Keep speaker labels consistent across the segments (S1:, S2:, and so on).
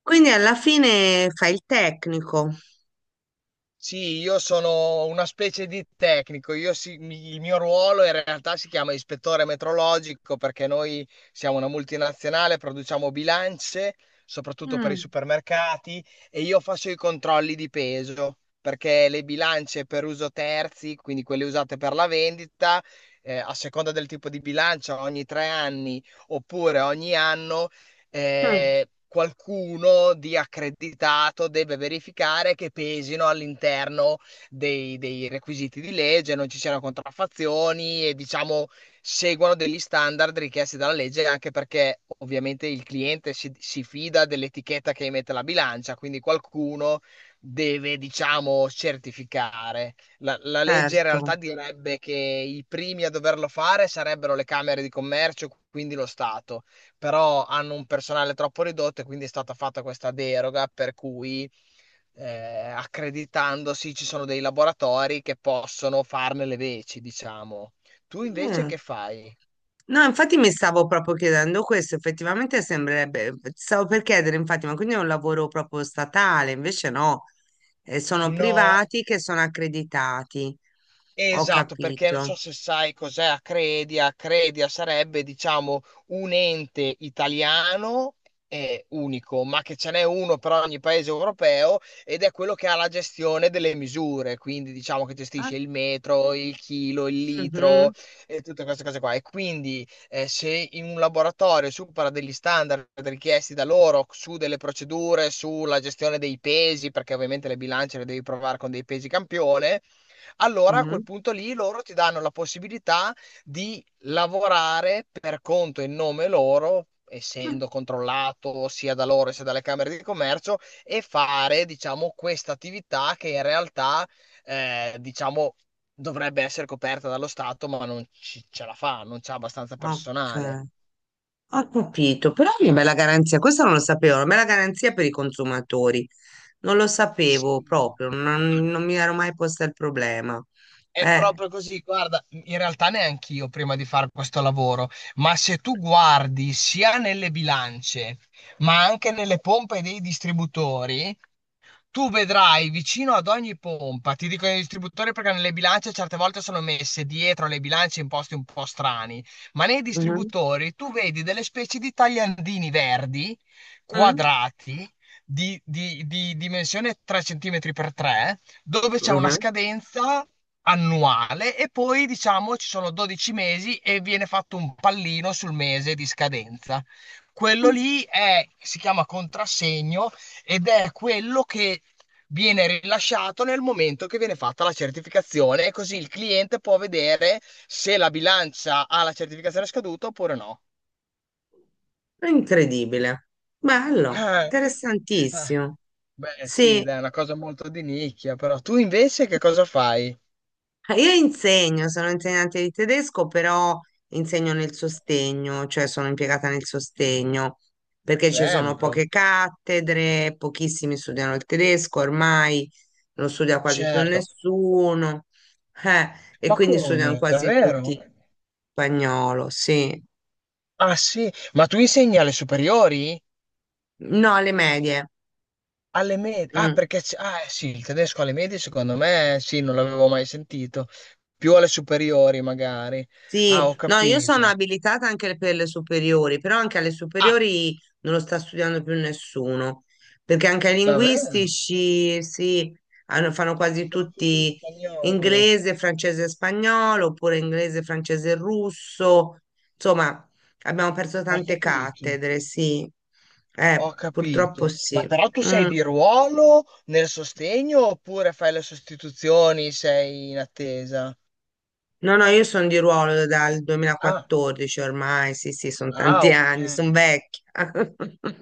S1: Quindi alla fine fai il tecnico.
S2: Sì, io sono una specie di tecnico, il mio ruolo in realtà si chiama ispettore metrologico perché noi siamo una multinazionale, produciamo bilance, soprattutto per i
S1: Mm,
S2: supermercati, e io faccio i controlli di peso perché le bilance per uso terzi, quindi quelle usate per la vendita, a seconda del tipo di bilancia, ogni 3 anni oppure ogni anno.
S1: mm.
S2: Qualcuno di accreditato deve verificare che pesino all'interno dei requisiti di legge, non ci siano contraffazioni e diciamo seguano degli standard richiesti dalla legge, anche perché ovviamente il cliente si fida dell'etichetta che emette la bilancia, quindi qualcuno deve, diciamo, certificare. La legge in
S1: Certo.
S2: realtà direbbe che i primi a doverlo fare sarebbero le camere di commercio, quindi lo Stato, però hanno un personale troppo ridotto e quindi è stata fatta questa deroga per cui eh, accreditandosi ci sono dei laboratori che possono farne le veci, diciamo. Tu invece
S1: Eh.
S2: che fai?
S1: No, infatti mi stavo proprio chiedendo questo, effettivamente sembrerebbe, stavo per chiedere, infatti, ma quindi è un lavoro proprio statale, invece no. Sono
S2: No.
S1: privati che sono accreditati. Ho
S2: Esatto, perché non so
S1: capito.
S2: se sai cos'è Acredia. Acredia sarebbe, diciamo, un ente italiano unico, ma che ce n'è uno per ogni paese europeo ed è quello che ha la gestione delle misure, quindi diciamo che
S1: Ah,
S2: gestisce il metro, il chilo, il litro
S1: mhm,
S2: e tutte queste cose qua. E quindi se in un laboratorio supera degli standard richiesti da loro su delle procedure, sulla gestione dei pesi, perché ovviamente le bilance le devi provare con dei pesi campione, allora a
S1: mhm.
S2: quel punto lì loro ti danno la possibilità di lavorare per conto e nome loro, essendo controllato sia da loro sia dalle Camere di Commercio, e fare, diciamo, questa attività che in realtà, diciamo, dovrebbe essere coperta dallo Stato, ma non ci- ce la fa, non c'ha abbastanza
S1: Ah,
S2: personale.
S1: ok, ho capito, però è una bella garanzia, questo non lo sapevo, una bella garanzia per i consumatori. Non lo sapevo
S2: Sì.
S1: proprio, non mi ero mai posta il problema.
S2: È
S1: Eh,
S2: proprio così, guarda, in realtà neanche io prima di fare questo lavoro, ma se tu guardi sia nelle bilance, ma anche nelle pompe dei distributori, tu vedrai vicino ad ogni pompa, ti dicono i distributori perché nelle bilance certe volte sono messe dietro le bilance in posti un po' strani, ma nei
S1: mhm,
S2: distributori tu vedi delle specie di tagliandini verdi,
S1: mm,
S2: quadrati, di dimensione 3 cm per 3, dove c'è una
S1: mhm.
S2: scadenza annuale e poi diciamo ci sono 12 mesi e viene fatto un pallino sul mese di scadenza. Si chiama contrassegno ed è quello che viene rilasciato nel momento che viene fatta la certificazione e così il cliente può vedere se la bilancia ha la certificazione scaduta oppure no.
S1: È incredibile. Bello,
S2: Ah,
S1: interessantissimo.
S2: beh, sì,
S1: Sì.
S2: dai, è una cosa molto di nicchia, però tu invece che cosa fai?
S1: Ah, io insegno, sono insegnante di tedesco, però insegno nel sostegno, cioè sono impiegata nel sostegno, perché ci sono
S2: Bello,
S1: poche cattedre, pochissimi studiano il tedesco, ormai non studia quasi più
S2: certo.
S1: nessuno, eh, e
S2: Ma
S1: quindi studiano
S2: come?
S1: quasi tutti
S2: Davvero?
S1: spagnolo, sì.
S2: Ah, sì, ma tu insegni alle superiori?
S1: No, alle medie.
S2: Alle medie? Ah,
S1: Mm.
S2: perché sì, il tedesco alle medie secondo me sì, non l'avevo mai sentito. Più alle superiori magari. Ah,
S1: Sì,
S2: ho
S1: no, io sono
S2: capito.
S1: abilitata anche per le superiori, però anche alle
S2: Ah,
S1: superiori non lo sta studiando più nessuno, perché anche ai
S2: davvero? Sacco.
S1: linguistici sì, fanno quasi
S2: Sono cucino
S1: tutti
S2: spagnolo.
S1: inglese, francese e spagnolo, oppure inglese, francese e russo. Insomma, abbiamo perso
S2: Ho
S1: tante
S2: capito,
S1: cattedre, sì.
S2: ho
S1: Purtroppo
S2: capito. Ma
S1: sì.
S2: però tu sei
S1: Mm.
S2: di ruolo nel sostegno oppure fai le sostituzioni, sei in attesa?
S1: No, no, io sono di ruolo dal
S2: Ah,
S1: 2014 ormai, sì, sì, sono
S2: ah,
S1: tanti
S2: ok.
S1: anni, sono vecchia.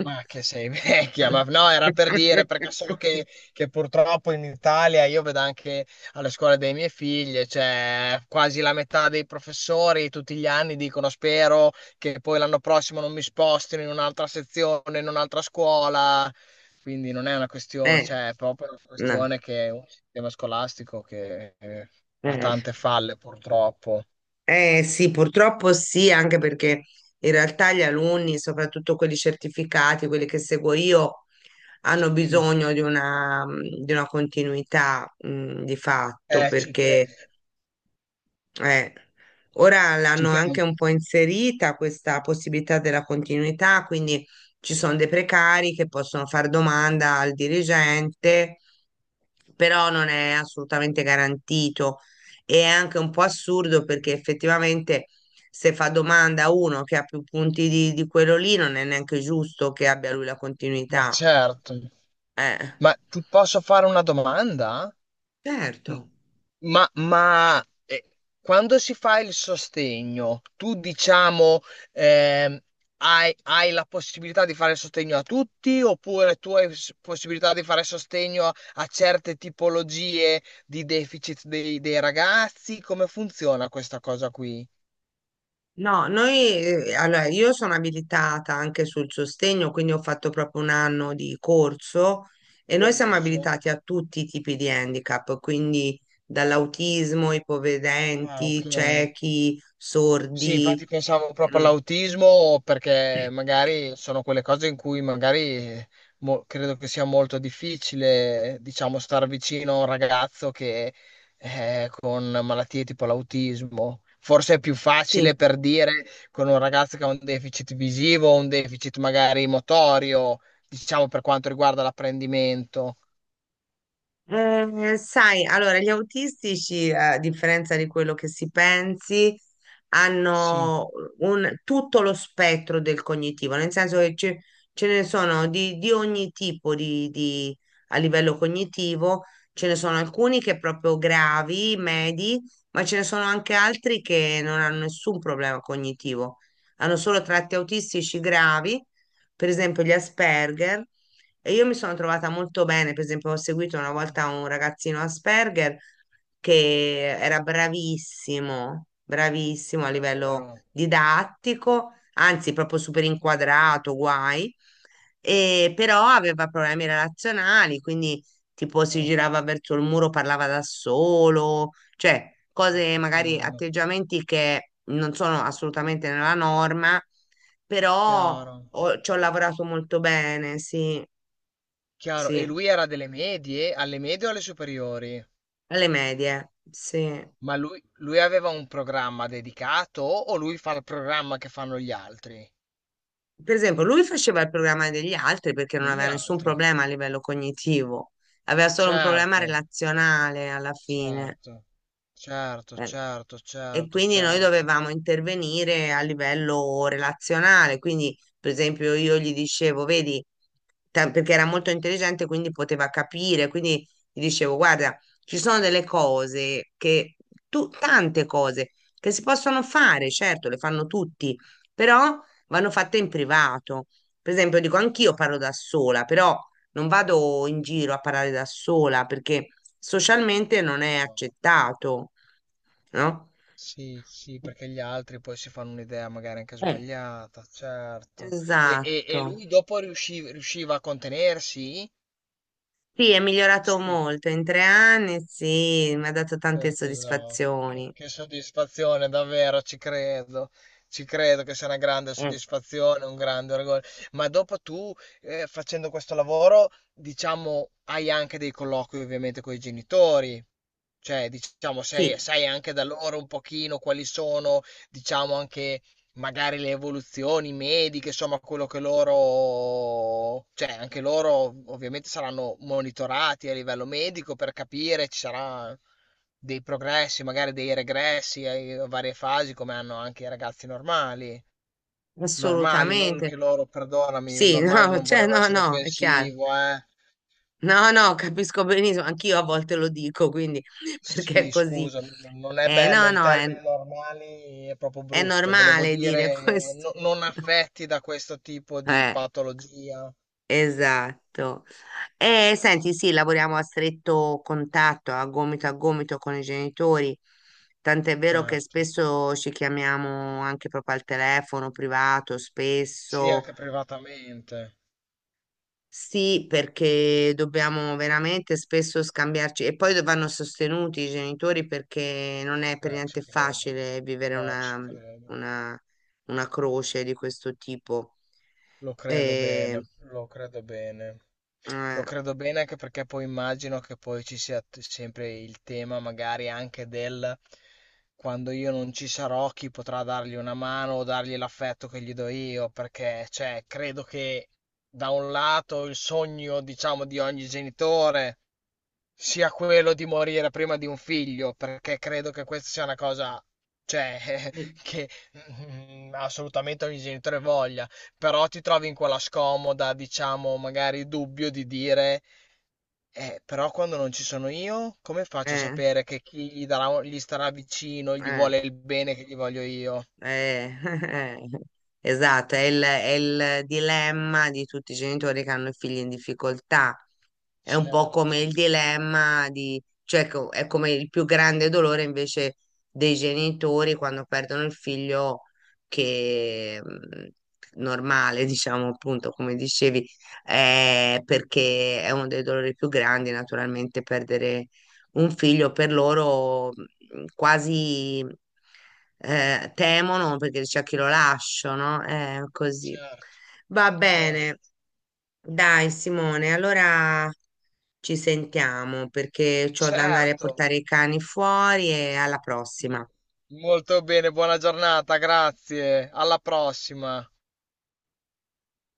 S2: Ma che sei vecchia, ma no, era per dire, perché so che purtroppo in Italia, io vedo anche alle scuole dei miei figli, cioè quasi la metà dei professori tutti gli anni dicono spero che poi l'anno prossimo non mi spostino in un'altra sezione, in un'altra scuola, quindi non è una questione,
S1: Eh,
S2: cioè è proprio una
S1: no.
S2: questione che è un sistema scolastico che ha
S1: Eh.
S2: tante falle purtroppo.
S1: Sì, purtroppo sì, anche perché in realtà gli alunni, soprattutto quelli certificati, quelli che seguo io, hanno
S2: Sì.
S1: bisogno di una continuità, di fatto,
S2: Eh, ci cre-
S1: perché. Eh, Ora
S2: ci
S1: l'hanno anche
S2: credo.
S1: un po' inserita questa possibilità della continuità, quindi ci sono dei precari che possono fare domanda al dirigente, però non è assolutamente garantito. E è anche un po' assurdo perché effettivamente se fa domanda a uno che ha più punti di quello lì, non è neanche giusto che abbia lui la
S2: Ma
S1: continuità.
S2: certo.
S1: Eh,
S2: Ma ti posso fare una domanda?
S1: certo.
S2: M- Ma, ma, eh, Quando si fa il sostegno, tu diciamo ehm, hai la possibilità di fare sostegno a tutti oppure tu hai possibilità di fare sostegno a certe tipologie di deficit dei ragazzi? Come funziona questa cosa qui?
S1: No, noi, allora, io sono abilitata anche sul sostegno, quindi ho fatto proprio un anno di corso e noi siamo
S2: Corso.
S1: abilitati a tutti i tipi di handicap, quindi dall'autismo,
S2: Ah, ok.
S1: ipovedenti, ciechi,
S2: Sì,
S1: sordi.
S2: infatti pensavo proprio
S1: Mm.
S2: all'autismo perché magari sono quelle cose in cui magari credo che sia molto difficile, diciamo, star vicino a un ragazzo che è con malattie tipo l'autismo. Forse è più facile
S1: Sì.
S2: per dire con un ragazzo che ha un deficit visivo, un deficit magari motorio, diciamo per quanto riguarda l'apprendimento.
S1: Sai, allora, gli autistici, a differenza di quello che si pensi,
S2: Sì,
S1: hanno tutto lo spettro del cognitivo, nel senso che ce ne sono di ogni tipo a livello cognitivo, ce ne sono alcuni che proprio gravi, medi, ma ce ne sono anche altri che non hanno nessun problema cognitivo, hanno solo tratti autistici gravi, per esempio gli Asperger e io mi sono trovata molto bene, per esempio, ho seguito una
S2: sì,
S1: volta un ragazzino Asperger che era bravissimo, bravissimo a livello
S2: davvero.
S1: didattico, anzi proprio super inquadrato, guai, e però aveva problemi relazionali, quindi tipo si
S2: Eh,
S1: girava verso il muro, parlava da solo, cioè cose, magari
S2: infatti, no.
S1: atteggiamenti che non sono assolutamente nella norma, però
S2: Chiaro.
S1: ci ho lavorato molto bene, sì,
S2: Chiaro, e
S1: sì.
S2: lui era delle medie? Alle medie o alle superiori?
S1: Alle medie, sì.
S2: Ma lui aveva un programma dedicato o lui fa il programma che fanno gli altri?
S1: Per esempio, lui faceva il programma degli altri perché non
S2: Degli
S1: aveva nessun
S2: altri.
S1: problema a livello cognitivo, aveva solo un problema
S2: Certo,
S1: relazionale alla fine.
S2: certo, certo,
S1: Eh,
S2: certo,
S1: E
S2: certo,
S1: quindi noi
S2: certo.
S1: dovevamo intervenire a livello relazionale, quindi per esempio io gli dicevo, vedi, perché era molto intelligente, quindi poteva capire, quindi gli dicevo, guarda, ci sono delle cose tante cose che si possono fare, certo, le fanno tutti, però vanno fatte in privato. Per esempio, dico, anch'io parlo da sola, però non vado in giro a parlare da sola perché socialmente non è
S2: No.
S1: accettato, no?
S2: Sì, sì, perché gli altri poi si fanno un'idea magari anche
S1: Eh,
S2: sbagliata, certo. E, e-
S1: esatto.
S2: e lui dopo riusciva a contenersi?
S1: Sì, è migliorato
S2: Sì.
S1: molto. In tre anni, sì, mi ha dato tante
S2: Tesoro, che,
S1: soddisfazioni.
S2: che soddisfazione, davvero, ci credo. Ci credo che sia una grande
S1: Eh.
S2: soddisfazione, un grande orgoglio. Ma dopo tu, facendo questo lavoro, diciamo, hai anche dei colloqui ovviamente con i genitori. Cioè, diciamo, sai
S1: Sì,
S2: sai anche da loro un pochino quali sono, diciamo, anche magari le evoluzioni mediche, insomma, quello che loro, cioè, anche loro ovviamente saranno monitorati a livello medico per capire, ci saranno dei progressi, magari dei regressi a varie fasi, come hanno anche i ragazzi normali. Normali, non
S1: assolutamente.
S2: che loro, perdonami,
S1: Sì,
S2: normale
S1: no,
S2: non
S1: cioè,
S2: volevo
S1: no,
S2: essere
S1: no, è chiaro.
S2: offensivo, eh.
S1: No, no, capisco benissimo, anch'io a volte lo dico, quindi perché è
S2: Sì,
S1: così.
S2: scusa, non è bello
S1: No,
S2: il
S1: no, è,
S2: termine normali, è proprio
S1: è
S2: brutto. Volevo
S1: normale dire
S2: dire
S1: questo.
S2: non affetti da questo tipo di
S1: Eh.
S2: patologia.
S1: Esatto. E senti, sì, lavoriamo a stretto contatto, a gomito con i genitori, tant'è vero che
S2: Certo.
S1: spesso ci chiamiamo anche proprio al telefono privato,
S2: Sì,
S1: spesso
S2: anche privatamente.
S1: sì, perché dobbiamo veramente spesso scambiarci e poi vanno sostenuti i genitori perché non è per
S2: Ci
S1: niente
S2: credo.
S1: facile vivere
S2: No, ci credo.
S1: una, una croce di questo tipo.
S2: Lo credo
S1: E,
S2: bene, lo credo bene. Lo
S1: eh,
S2: credo bene anche perché poi immagino che poi ci sia sempre il tema magari anche del quando io non ci sarò, chi potrà dargli una mano o dargli l'affetto che gli do io, perché cioè, credo che da un lato il sogno, diciamo, di ogni genitore sia quello di morire prima di un figlio, perché credo che questa sia una cosa, cioè, che assolutamente ogni genitore voglia, però ti trovi in quella scomoda, diciamo, magari dubbio di dire, però quando non ci sono io, come faccio a
S1: eh,
S2: sapere che chi gli starà vicino, gli
S1: eh.
S2: vuole il bene che gli voglio io?
S1: Eh, esatto, è il dilemma di tutti i genitori che hanno figli in difficoltà, è un po' come
S2: Certo,
S1: il dilemma cioè è come il più grande dolore invece dei genitori quando perdono il figlio che normale, diciamo appunto, come dicevi, perché è uno dei dolori più grandi, naturalmente, perdere un figlio per loro quasi temono perché c'è chi lo lascia, no? È così.
S2: certo,
S1: Va
S2: certo,
S1: bene, dai Simone, allora ci sentiamo perché ho da andare a
S2: certo.
S1: portare i cani fuori e alla prossima.
S2: Molto bene, buona giornata, grazie. Alla prossima.